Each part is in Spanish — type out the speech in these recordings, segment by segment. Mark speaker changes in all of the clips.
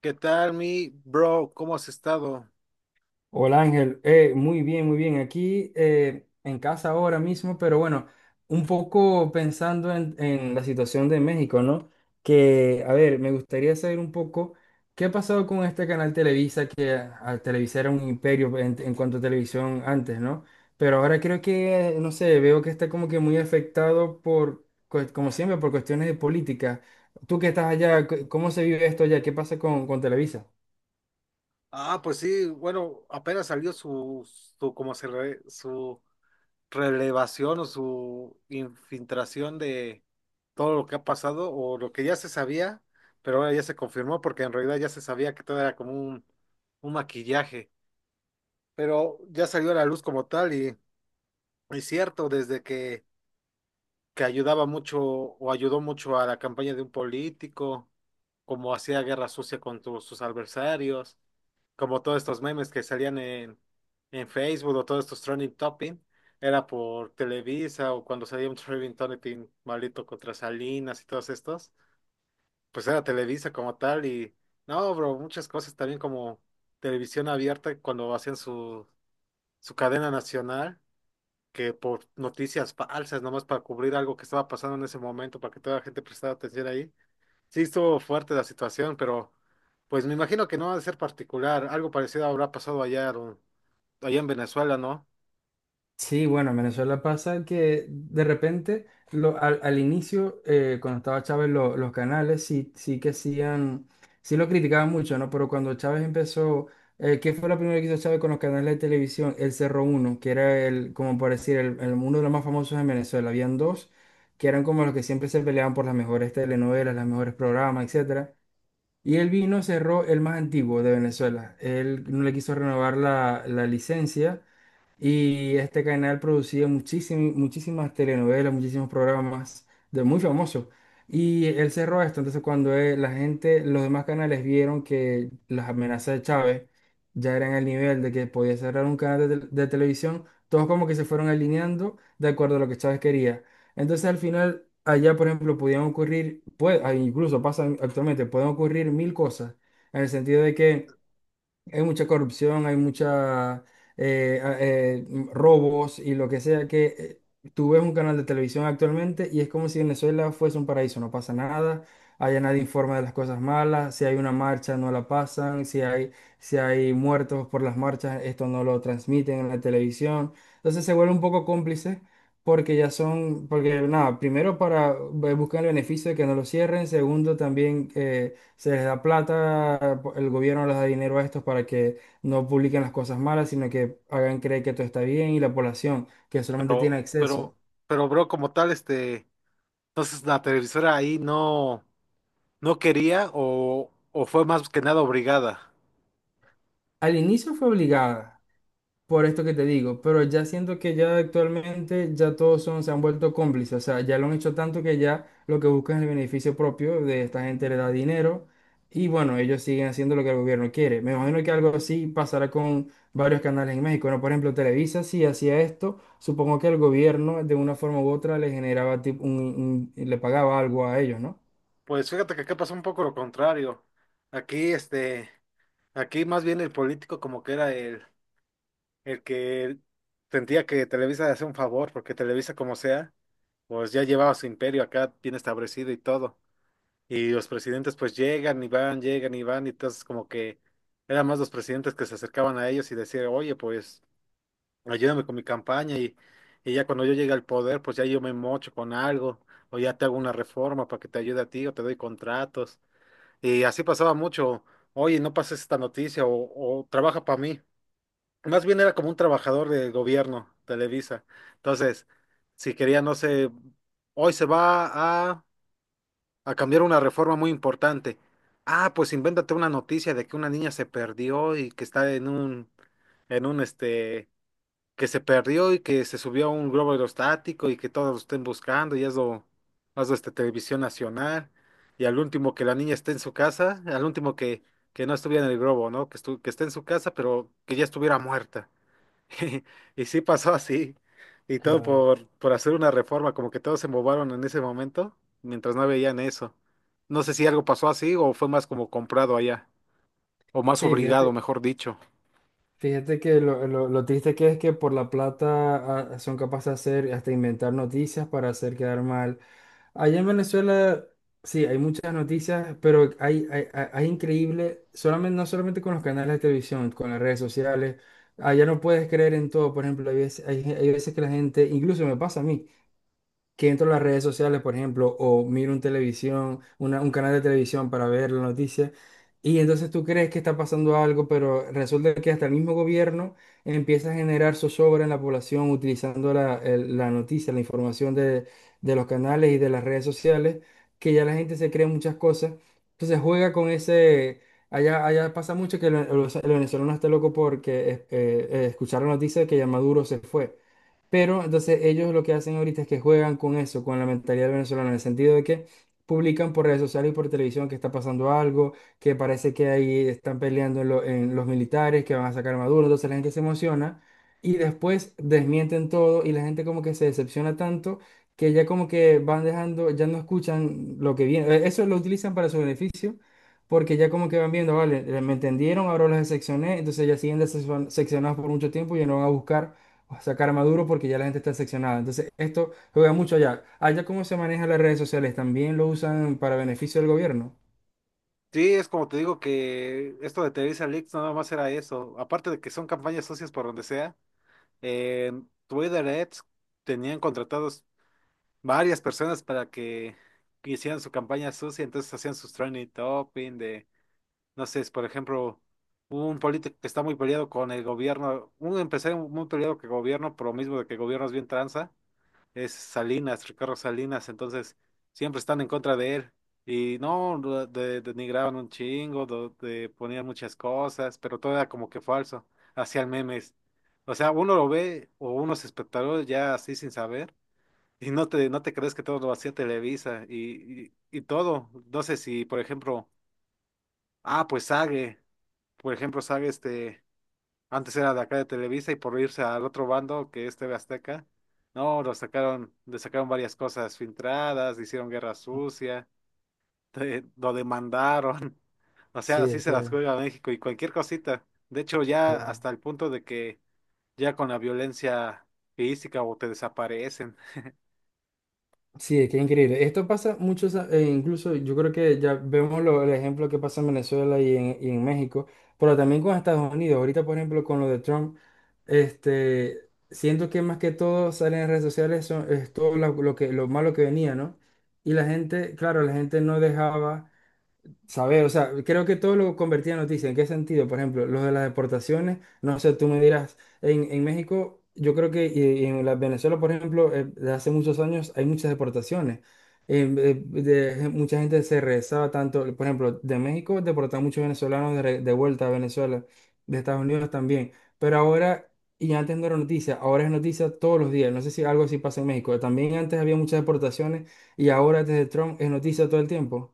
Speaker 1: ¿Qué tal, mi bro? ¿Cómo has estado?
Speaker 2: Hola Ángel. Muy bien, muy bien. Aquí en casa ahora mismo, pero bueno, un poco pensando en la situación de México, ¿no? Que, a ver, me gustaría saber un poco qué ha pasado con este canal Televisa era un imperio en cuanto a televisión antes, ¿no? Pero ahora creo que, no sé, veo que está como que muy afectado por, como siempre, por cuestiones de política. Tú que estás allá, ¿cómo se vive esto allá? ¿Qué pasa con Televisa?
Speaker 1: Ah, pues sí, bueno, apenas salió su, su relevación o su infiltración de todo lo que ha pasado o lo que ya se sabía, pero ahora ya se confirmó porque en realidad ya se sabía que todo era como un maquillaje, pero ya salió a la luz como tal y es cierto, que ayudaba mucho o ayudó mucho a la campaña de un político, como hacía guerra sucia con sus adversarios, como todos estos memes que salían en Facebook o todos estos trending topic, era por Televisa, o cuando salía un trending topic maldito contra Salinas y todos estos, pues era Televisa como tal. Y no, bro, muchas cosas también como televisión abierta cuando hacían su, su cadena nacional, que por noticias falsas, nomás para cubrir algo que estaba pasando en ese momento, para que toda la gente prestara atención ahí. Sí, estuvo fuerte la situación, pero pues me imagino que no va a ser particular, algo parecido habrá pasado allá, Aaron, allá en Venezuela, ¿no?
Speaker 2: Sí, bueno, en Venezuela pasa que de repente, al inicio, cuando estaba Chávez, los canales sí que hacían, sí lo criticaban mucho, ¿no? Pero cuando Chávez empezó, ¿qué fue lo primero que hizo Chávez con los canales de televisión? El Cerro Uno, que era el, como por decir, uno de los más famosos en Venezuela. Habían dos que eran como los que siempre se peleaban por las mejores telenovelas, los mejores programas, etcétera. Y él vino, cerró el más antiguo de Venezuela. Él no le quiso renovar la licencia. Y este canal producía muchísimas, muchísimas telenovelas, muchísimos programas de muy famosos. Y él cerró esto. Entonces, cuando la gente, los demás canales vieron que las amenazas de Chávez ya eran al nivel de que podía cerrar un canal de televisión, todos como que se fueron alineando de acuerdo a lo que Chávez quería. Entonces, al final, allá, por ejemplo, podían ocurrir, incluso pasa actualmente, pueden ocurrir mil cosas, en el sentido de que hay mucha corrupción, hay mucha robos y lo que sea que tú ves un canal de televisión actualmente y es como si Venezuela fuese un paraíso, no pasa nada, allá nadie informa de las cosas malas, si hay una marcha no la pasan, si hay muertos por las marchas, esto no lo transmiten en la televisión, entonces se vuelve un poco cómplice. Porque ya son, porque nada, primero para buscar el beneficio de que no lo cierren, segundo también se les da plata, el gobierno les da dinero a estos para que no publiquen las cosas malas, sino que hagan creer que todo está bien y la población, que solamente tiene
Speaker 1: Pero, pero,
Speaker 2: acceso.
Speaker 1: pero, bro, como tal, este, entonces la televisora ahí no, no quería o fue más que nada obligada.
Speaker 2: Al inicio fue obligada, por esto que te digo, pero ya siento que ya actualmente ya todos son, se han vuelto cómplices, o sea, ya lo han hecho tanto que ya lo que buscan es el beneficio propio de esta gente le da dinero y bueno, ellos siguen haciendo lo que el gobierno quiere. Me imagino que algo así pasará con varios canales en México, ¿no? Por ejemplo, Televisa si hacía esto, supongo que el gobierno de una forma u otra le generaba tipo le pagaba algo a ellos, ¿no?
Speaker 1: Pues fíjate que acá pasó un poco lo contrario. Aquí, este, aquí más bien el político como que era el que sentía que Televisa le hacía un favor, porque Televisa, como sea, pues ya llevaba su imperio acá bien establecido y todo. Y los presidentes pues llegan y van, y entonces como que eran más los presidentes que se acercaban a ellos y decían, oye, pues ayúdame con mi campaña y ya cuando yo llegue al poder, pues ya yo me mocho con algo, o ya te hago una reforma para que te ayude a ti, o te doy contratos. Y así pasaba mucho. Oye, no pases esta noticia o trabaja para mí. Más bien era como un trabajador del gobierno, Televisa. Entonces, si quería, no sé, hoy se va a cambiar una reforma muy importante. Ah, pues invéntate una noticia de que una niña se perdió y que está en un, en un este, que se perdió y que se subió a un globo aerostático y que todos lo estén buscando, y hazlo, hazlo este televisión nacional. Y al último que la niña esté en su casa, al último que no estuviera en el globo, ¿no? Que esté en su casa, pero que ya estuviera muerta. Y sí pasó así. Y todo
Speaker 2: Claro.
Speaker 1: por hacer una reforma, como que todos se movaron en ese momento, mientras no veían eso. No sé si algo pasó así o fue más como comprado allá, o más
Speaker 2: Sí,
Speaker 1: obligado,
Speaker 2: fíjate.
Speaker 1: mejor dicho.
Speaker 2: Fíjate que lo triste que es que por la plata son capaces de hacer, hasta inventar noticias para hacer quedar mal. Allá en Venezuela, sí, hay muchas noticias, pero hay increíble, solamente, no solamente con los canales de televisión, con las redes sociales. Allá no puedes creer en todo, por ejemplo, hay veces que la gente, incluso me pasa a mí que entro a las redes sociales, por ejemplo, o miro un televisión, un canal de televisión para ver la noticia, y entonces tú crees que está pasando algo, pero resulta que hasta el mismo gobierno empieza a generar zozobra en la población utilizando la noticia, la información de los canales y de las redes sociales, que ya la gente se cree muchas cosas, entonces juega con ese. Allá, allá pasa mucho que el venezolano está loco porque escucharon noticias de que ya Maduro se fue. Pero entonces ellos lo que hacen ahorita es que juegan con eso, con la mentalidad venezolana, en el sentido de que publican por redes sociales y por televisión que está pasando algo, que parece que ahí están peleando en los militares, que van a sacar a Maduro, entonces la gente se emociona y después desmienten todo y la gente como que se decepciona tanto que ya como que van dejando, ya no escuchan lo que viene. Eso lo utilizan para su beneficio. Porque ya como que van viendo, vale, me entendieron, ahora los decepcioné, entonces ya siguen decepcionados por mucho tiempo y ya no van a buscar sacar Maduro porque ya la gente está seccionada. Entonces, esto juega mucho allá. Allá, ¿cómo se manejan las redes sociales? ¿También lo usan para beneficio del gobierno?
Speaker 1: Sí, es como te digo, que esto de Televisa Leaks no nada más era eso. Aparte de que son campañas socias por donde sea, en Twitter Ads tenían contratados varias personas para que hicieran su campaña sucia, entonces hacían sus trending topping de... No sé, es, por ejemplo, un político que está muy peleado con el gobierno, un empresario muy peleado con el gobierno, por lo mismo de que el gobierno es bien tranza, es Salinas, Ricardo Salinas, entonces siempre están en contra de él. Y no, denigraban un chingo, ponían muchas cosas, pero todo era como que falso, hacían memes. O sea, uno lo ve, o unos espectadores ya así sin saber, y no te crees que todo lo hacía Televisa y todo. No sé si, por ejemplo, ah, pues Sage, por ejemplo, sabe, este, antes era de acá de Televisa y por irse al otro bando, que es TV Azteca, no, lo sacaron, le sacaron varias cosas filtradas, hicieron guerra sucia, lo demandaron, o sea,
Speaker 2: Sí,
Speaker 1: así
Speaker 2: es
Speaker 1: se las
Speaker 2: que,
Speaker 1: juega México y cualquier cosita. De hecho, ya
Speaker 2: claro.
Speaker 1: hasta el punto de que ya con la violencia física o te desaparecen.
Speaker 2: Sí, es que es increíble. Esto pasa mucho, e incluso yo creo que ya vemos el ejemplo que pasa en Venezuela y en México, pero también con Estados Unidos. Ahorita, por ejemplo, con lo de Trump, este, siento que más que todo salen en redes sociales son, es todo lo que, lo malo que venía, ¿no? Y la gente, claro, la gente no dejaba. Saber, o sea, creo que todo lo convertía en noticia. ¿En qué sentido? Por ejemplo, lo de las deportaciones, no sé, tú me dirás, en México, yo creo que y en la Venezuela, por ejemplo, de hace muchos años hay muchas deportaciones. Mucha gente se regresaba tanto, por ejemplo, de México deportaban muchos venezolanos de vuelta a Venezuela, de Estados Unidos también. Pero ahora, y antes no era noticia, ahora es noticia todos los días. No sé si algo así pasa en México. También antes había muchas deportaciones y ahora desde Trump es noticia todo el tiempo.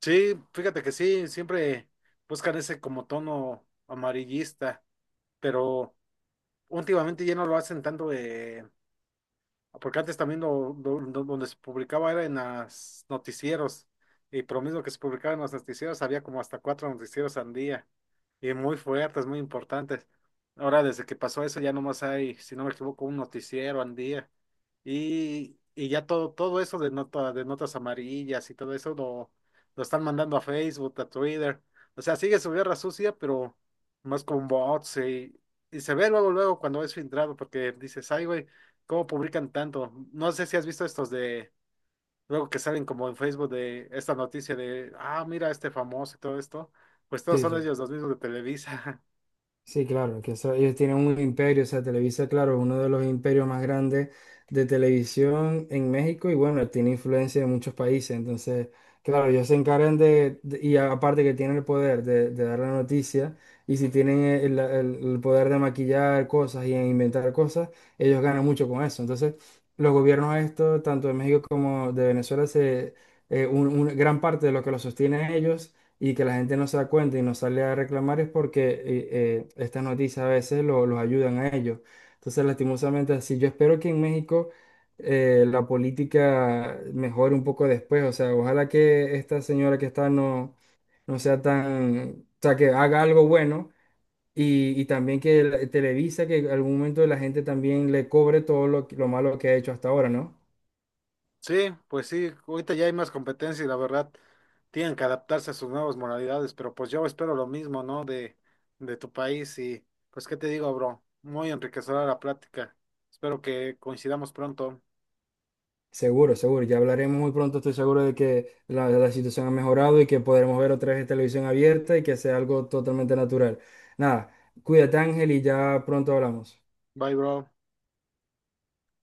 Speaker 1: Sí, fíjate que sí, siempre buscan ese como tono amarillista, pero últimamente ya no lo hacen tanto. Porque antes también donde se publicaba era en los noticieros. Y por lo mismo que se publicaba en los noticieros, había como hasta cuatro noticieros al día. Y muy fuertes, muy importantes. Ahora, desde que pasó eso, ya nomás hay, si no me equivoco, un noticiero al día. Y ya todo, todo eso de nota, de notas amarillas y todo eso lo están mandando a Facebook, a Twitter. O sea, sigue su guerra sucia, pero más con bots y se ve luego, luego cuando es filtrado, porque dices, ay, güey. ¿Cómo publican tanto? No sé si has visto estos de, luego que salen como en Facebook, de esta noticia de, ah, mira este famoso y todo esto. Pues todos
Speaker 2: Sí,
Speaker 1: son
Speaker 2: sí.
Speaker 1: ellos, los mismos de Televisa.
Speaker 2: Sí, claro, que ellos tienen un imperio, o sea, Televisa, claro, uno de los imperios más grandes de televisión en México y bueno, tiene influencia en muchos países, entonces, claro, ellos se encargan y aparte que tienen el poder de dar la noticia y si tienen el poder de maquillar cosas y inventar cosas, ellos ganan mucho con eso. Entonces, los gobiernos estos, tanto de México como de Venezuela, una gran parte de lo que los sostiene a ellos y que la gente no se da cuenta y no sale a reclamar es porque estas noticias a veces los ayudan a ellos. Entonces, lastimosamente así, yo espero que en México la política mejore un poco después, o sea, ojalá que esta señora que está no sea tan, o sea, que haga algo bueno. Y también que Televisa, que en algún momento la gente también le cobre todo lo malo que ha hecho hasta ahora, ¿no?
Speaker 1: Sí, pues sí, ahorita ya hay más competencia y la verdad tienen que adaptarse a sus nuevas modalidades, pero pues yo espero lo mismo, ¿no? De tu país. Y pues qué te digo, bro, muy enriquecedora la plática. Espero que coincidamos pronto.
Speaker 2: Seguro, seguro. Ya hablaremos muy pronto. Estoy seguro de que la situación ha mejorado y que podremos ver otra vez televisión abierta y que sea algo totalmente natural. Nada, cuídate, Ángel, y ya pronto hablamos.
Speaker 1: Bye, bro.